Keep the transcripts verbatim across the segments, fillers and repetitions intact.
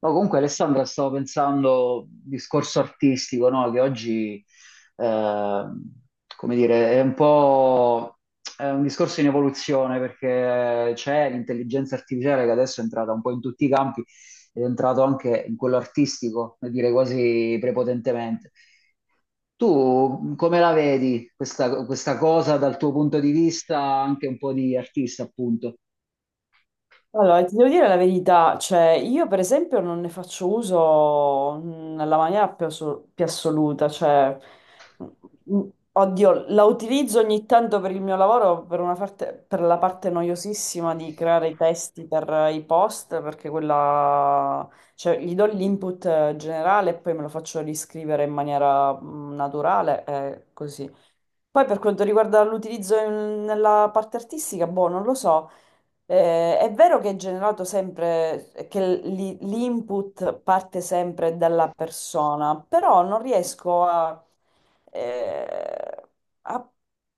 No, comunque Alessandra, stavo pensando, discorso artistico, no? Che oggi, eh, come dire, è un po' è un discorso in evoluzione perché c'è l'intelligenza artificiale che adesso è entrata un po' in tutti i campi ed è entrato anche in quello artistico, per dire quasi prepotentemente. Tu come la vedi questa, questa cosa dal tuo punto di vista anche un po' di artista, appunto? Allora, ti devo dire la verità, cioè io per esempio non ne faccio uso mm, nella maniera più, asso- più assoluta, cioè mm, mm, oddio, la utilizzo ogni tanto per il mio lavoro, per una parte- per la parte noiosissima di creare i testi per eh, i post, perché quella, cioè gli do l'input eh, generale e poi me lo faccio riscrivere in maniera mm, naturale e così. Poi per quanto riguarda l'utilizzo in- nella parte artistica, boh, non lo so. Eh, è vero che è generato sempre, che l- l'input parte sempre dalla persona, però non riesco a, eh, a-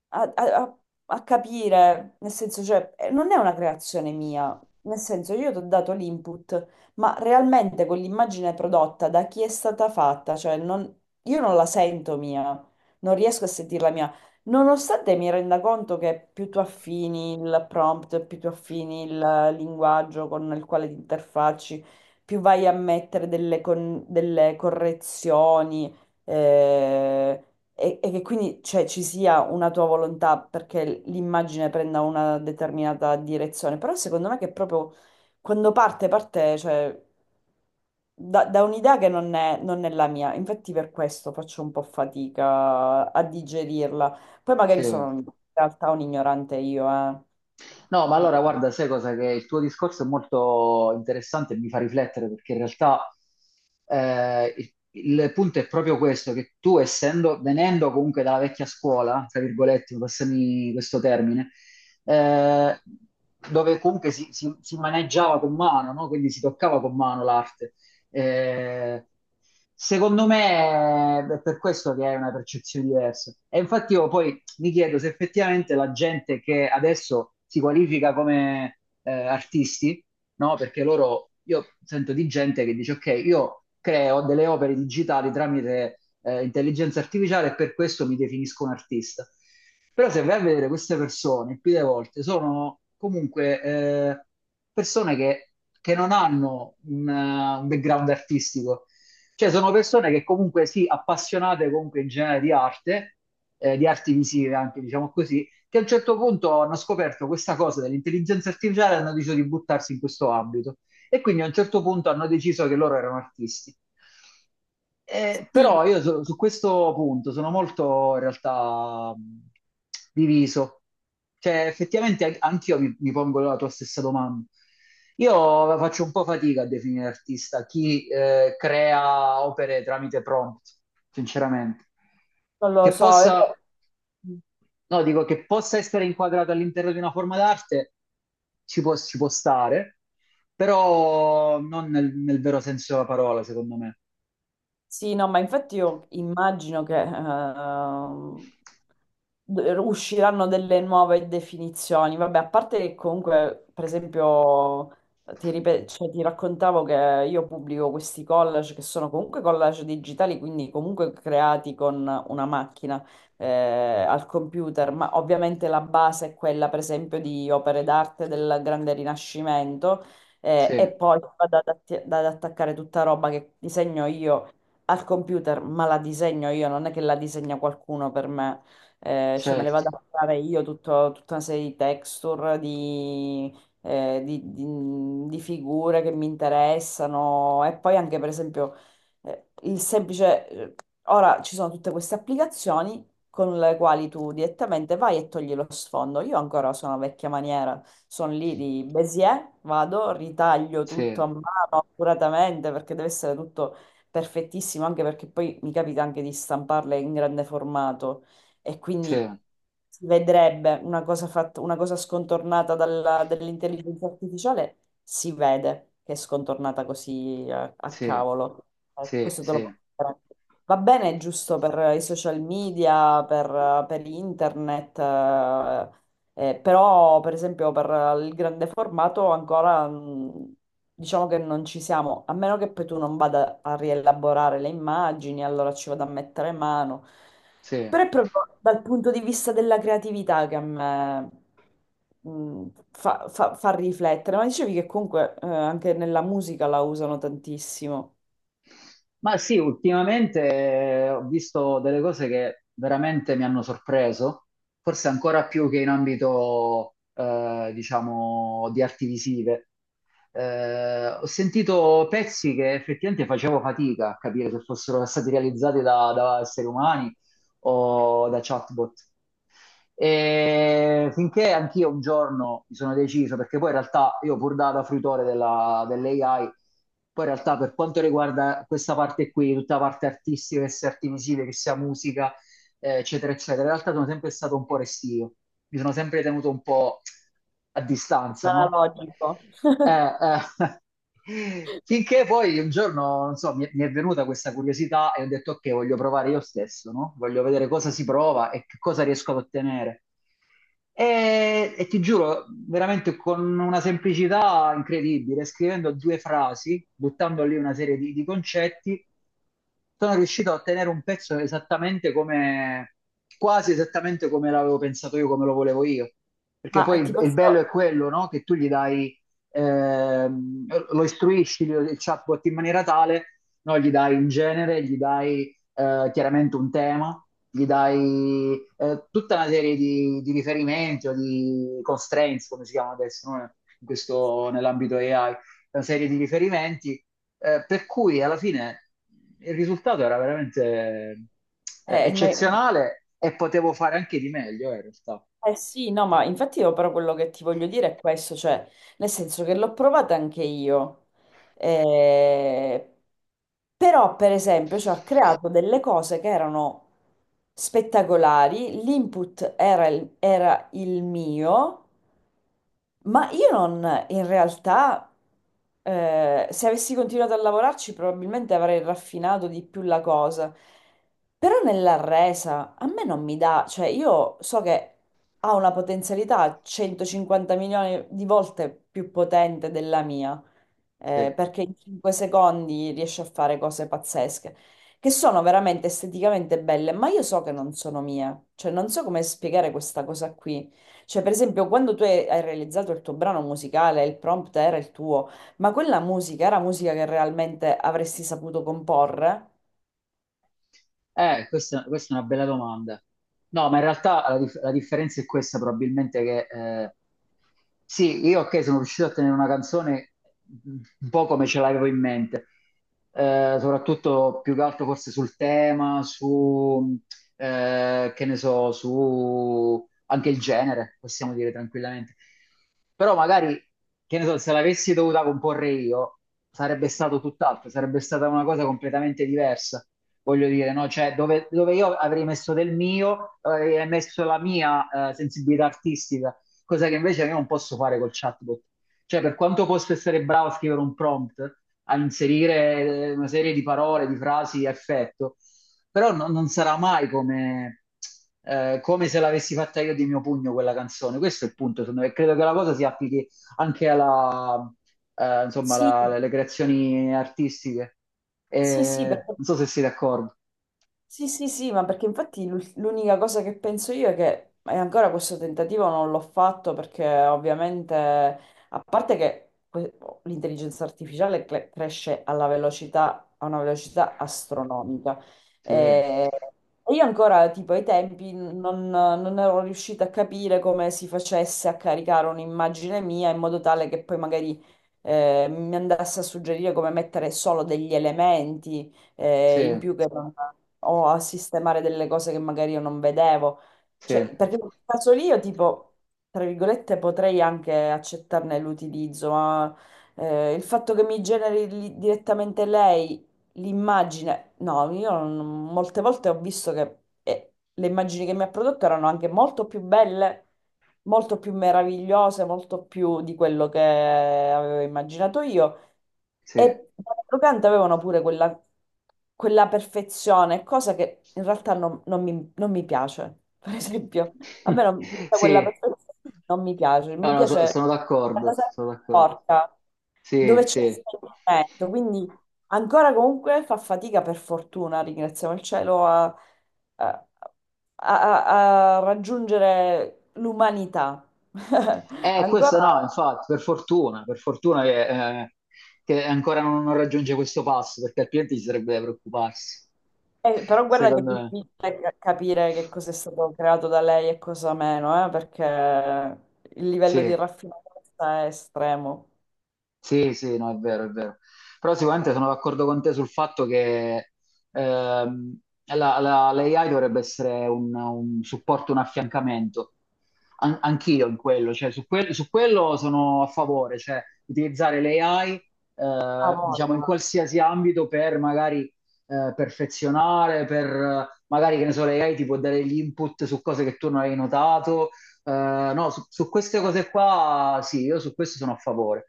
a- a- a capire, nel senso, cioè, eh, non è una creazione mia, nel senso, io ti ho dato l'input, ma realmente quell'immagine prodotta da chi è stata fatta, cioè, non- io non la sento mia, non riesco a sentirla mia. Nonostante mi renda conto che più tu affini il prompt, più tu affini il linguaggio con il quale ti interfacci, più vai a mettere delle, con- delle correzioni eh, e, e che quindi cioè, ci sia una tua volontà perché l'immagine prenda una determinata direzione. Però secondo me che proprio quando parte, parte, cioè, da, da un'idea che non è non è la mia. Infatti per questo faccio un po' fatica a digerirla. Poi Sì. magari sono in realtà un ignorante io, eh. No, ma allora guarda, sai cosa? Che il tuo discorso è molto interessante e mi fa riflettere perché in realtà eh, il, il punto è proprio questo, che tu essendo, venendo comunque dalla vecchia scuola, tra virgolette, passami questo termine, eh, dove comunque si, si- si maneggiava con mano, no? Quindi si toccava con mano l'arte. Eh, Secondo me è per questo che è una percezione diversa. E infatti io poi mi chiedo se effettivamente la gente che adesso si qualifica come eh, artisti, no? Perché loro, io sento di gente che dice, ok, io creo delle opere digitali tramite eh, intelligenza artificiale e per questo mi definisco un artista. Però se vai a vedere queste persone, più delle volte, sono comunque eh, persone che, che non hanno un, eh, un background artistico. Cioè sono persone che comunque sì, appassionate comunque in genere di arte, eh, di arti visive anche, diciamo così, che a un certo punto hanno scoperto questa cosa dell'intelligenza artificiale e hanno deciso di buttarsi in questo ambito. E quindi a un certo punto hanno deciso che loro erano artisti. Eh, Sì, però io su, su questo punto sono molto in realtà mh, diviso. Cioè, effettivamente an- anch'io mi, mi pongo la tua stessa domanda. Io faccio un po' fatica a definire artista chi eh, crea opere tramite prompt, sinceramente. non lo Che so. E poi... possa No, dico che possa essere inquadrato all'interno di una forma d'arte, ci può, ci può stare, però non nel, nel vero senso della parola, secondo me. Sì, no, ma infatti io immagino che ehm, d- usciranno delle nuove definizioni. Vabbè, a parte che comunque, per esempio, ti, ripe- cioè, ti raccontavo che io pubblico questi collage che sono comunque collage digitali, quindi comunque creati con una macchina eh, al computer, ma ovviamente la base è quella, per esempio, di opere d'arte del Grande Rinascimento. Eh, Sì, e poi vado ad, atti- ad attaccare tutta roba che disegno io al computer, ma la disegno io, non è che la disegna qualcuno per me. Eh, cioè me le certo, vado a fare io tutto- tutta una serie di texture, di, eh, di- di- di figure che mi interessano e poi anche per esempio eh, il semplice... eh, ora ci sono tutte queste applicazioni con le quali tu direttamente vai e togli lo sfondo. Io ancora sono a vecchia maniera, sono lì di Bézier, vado, ritaglio sì, tutto a mano accuratamente perché deve essere tutto perfettissimo, anche perché poi mi capita anche di stamparle in grande formato e sì, quindi si vedrebbe una cosa fatta, una cosa scontornata dalla- dall'intelligenza artificiale, si vede che è scontornata così a, a sì, cavolo. Eh, sì, questo te lo sì, posso garantire. Va bene, giusto per i social media, per, per internet, eh, eh, però, per esempio, per il grande formato ancora mh, diciamo che non ci siamo, a meno che poi tu non vada a rielaborare le immagini, allora ci vado a mettere mano. sì. Però è proprio dal punto di vista della creatività che a me mh, fa, fa- fa riflettere. Ma dicevi che comunque eh, anche nella musica la usano tantissimo. Ma sì, ultimamente eh, ho visto delle cose che veramente mi hanno sorpreso, forse ancora più che in ambito, eh, diciamo, di arti visive. Eh, ho sentito pezzi che effettivamente facevo fatica a capire se fossero stati realizzati da, da esseri umani o da chatbot. E finché anch'io un giorno mi sono deciso, perché poi in realtà io pur da, da fruitore della- dell'A I, poi in realtà per quanto riguarda questa parte qui, tutta la parte artistica, che sia artivisile, che sia musica, eh, eccetera, eccetera. In realtà sono sempre stato un po' restio, mi sono sempre tenuto un po' a distanza, no? Analogico. Eh, eh, Finché poi un giorno, non so, mi, mi è venuta questa curiosità e ho detto ok, voglio provare io stesso, no? Voglio vedere cosa si prova e che cosa riesco ad ottenere. E, e ti giuro, veramente con una semplicità incredibile, scrivendo due frasi, buttando lì una serie di, di concetti, sono riuscito a ottenere un pezzo esattamente come, quasi esattamente come l'avevo pensato io, come lo volevo io. Perché poi Ma ti il, il posso... bello è quello, no? Che tu gli dai, ehm, lo istruisci il chatbot in maniera tale, no? Gli dai un genere, gli dai eh, chiaramente un tema, gli dai eh, tutta una serie di, di riferimenti o di constraints, come si chiama adesso, no? In questo- nell'ambito A I, una serie di riferimenti, eh, per cui alla fine il risultato era veramente eh, eh, ma- eccezionale e potevo fare anche di meglio, eh, in realtà. eh sì, no, ma infatti io però quello che ti voglio dire è questo, cioè, nel senso che l'ho provata anche io, eh, però, per esempio, ci ha creato delle cose che erano spettacolari, l'input era il, era il mio, ma io non, in realtà, eh, se avessi continuato a lavorarci, probabilmente avrei raffinato di più la cosa. Però nella resa a me non mi dà, cioè io so che ha una potenzialità centocinquanta milioni di volte più potente della mia Sì. eh, perché in cinque secondi riesce a fare cose pazzesche, che sono veramente esteticamente belle, ma io so che non sono mie, cioè non so come spiegare questa cosa qui. Cioè, per esempio, quando tu hai hai realizzato il tuo brano musicale, il prompt era il tuo, ma quella musica era musica che realmente avresti saputo comporre? Eh, questa, questa è una bella domanda. No, ma in realtà la, dif- la differenza è questa, probabilmente che eh, sì, io ok, sono riuscito a tenere una canzone un po' come ce l'avevo in mente. Eh, soprattutto più che altro forse sul tema, su, eh, che ne so, su anche il genere, possiamo dire tranquillamente. Però magari, che ne so, se l'avessi dovuta comporre io, sarebbe stato tutt'altro, sarebbe stata una cosa completamente diversa. Voglio dire, no? Cioè, dove, dove io avrei messo del mio, avrei messo la mia, eh, sensibilità artistica, cosa che invece io non posso fare col chatbot. Cioè, per quanto posso essere bravo a scrivere un prompt, a inserire eh, una serie di parole, di frasi a effetto, però no- non sarà mai come, eh, come se l'avessi fatta io di mio pugno quella canzone. Questo è il punto, secondo me. Credo che la cosa si applichi anche alla, eh, insomma, Sì, la- alle creazioni artistiche. sì, sì, Eh, perché non so se siete d'accordo. sì, sì, sì, ma perché infatti l'ul- l'unica cosa che penso io è che e ancora questo tentativo non l'ho fatto perché ovviamente, a parte che que- l'intelligenza artificiale cre- cresce alla velocità, a una velocità astronomica, Sì, e e io ancora tipo ai tempi non, non ero riuscita a capire come si facesse a caricare un'immagine mia in modo tale che poi magari eh, mi andasse a suggerire come mettere solo degli elementi eh, in sì, più che non- o a sistemare delle cose che magari io non vedevo. sì, Cioè, perché in quel caso lì io tipo, tra virgolette, potrei anche accettarne l'utilizzo, ma eh, il fatto che mi generi li- direttamente lei l'immagine, no, io non- molte volte ho visto che eh, le immagini che mi ha prodotto erano anche molto più belle molto più meravigliose, molto più di quello che avevo immaginato io. sì. E d'altro canto avevano pure quella, quella perfezione, cosa che in realtà non, non mi, non mi piace. Per esempio, a me non, tutta Sì, quella perfezione non mi piace. no, Mi no, so- piace sono la d'accordo, cosa sono d'accordo. porca, Sì, dove c'è sì. l'esperimento. Quindi ancora comunque fa fatica, per fortuna, ringraziamo il cielo, a, a- a- a a raggiungere l'umanità. Eh, questo no, Ancora infatti, per fortuna, per fortuna che, eh, che ancora non, non raggiunge questo passo, perché altrimenti ci sarebbe da preoccuparsi, eh, però guarda che è secondo me. difficile ca- capire che cosa è stato creato da lei e cosa meno, eh, perché il livello Sì. di raffinatezza è estremo. Sì, sì, no, è vero, è vero. Però sicuramente sono d'accordo con te sul fatto che ehm, la, la- l'A I dovrebbe essere un, un supporto, un affiancamento. An- anch'io in quello, cioè su, quel- su quello sono a favore, cioè utilizzare l'A I Ah, eh, diciamo in voglia. qualsiasi ambito per magari eh, perfezionare, per eh, magari che ne so, l'A I ti può dare gli input su cose che tu non hai notato, eh, no, su, su queste cose qua sì, io su questo sono a favore.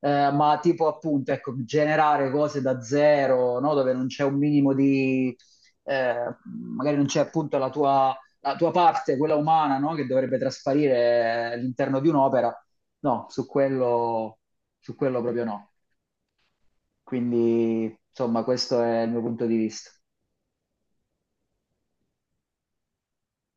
Eh, ma tipo appunto, ecco, generare cose da zero, no? Dove non c'è un minimo di... eh, magari non c'è appunto la tua, la tua parte, quella umana, no? Che dovrebbe trasparire all'interno di un'opera. No, su quello, su quello proprio no. Quindi, insomma, questo è il mio punto di vista.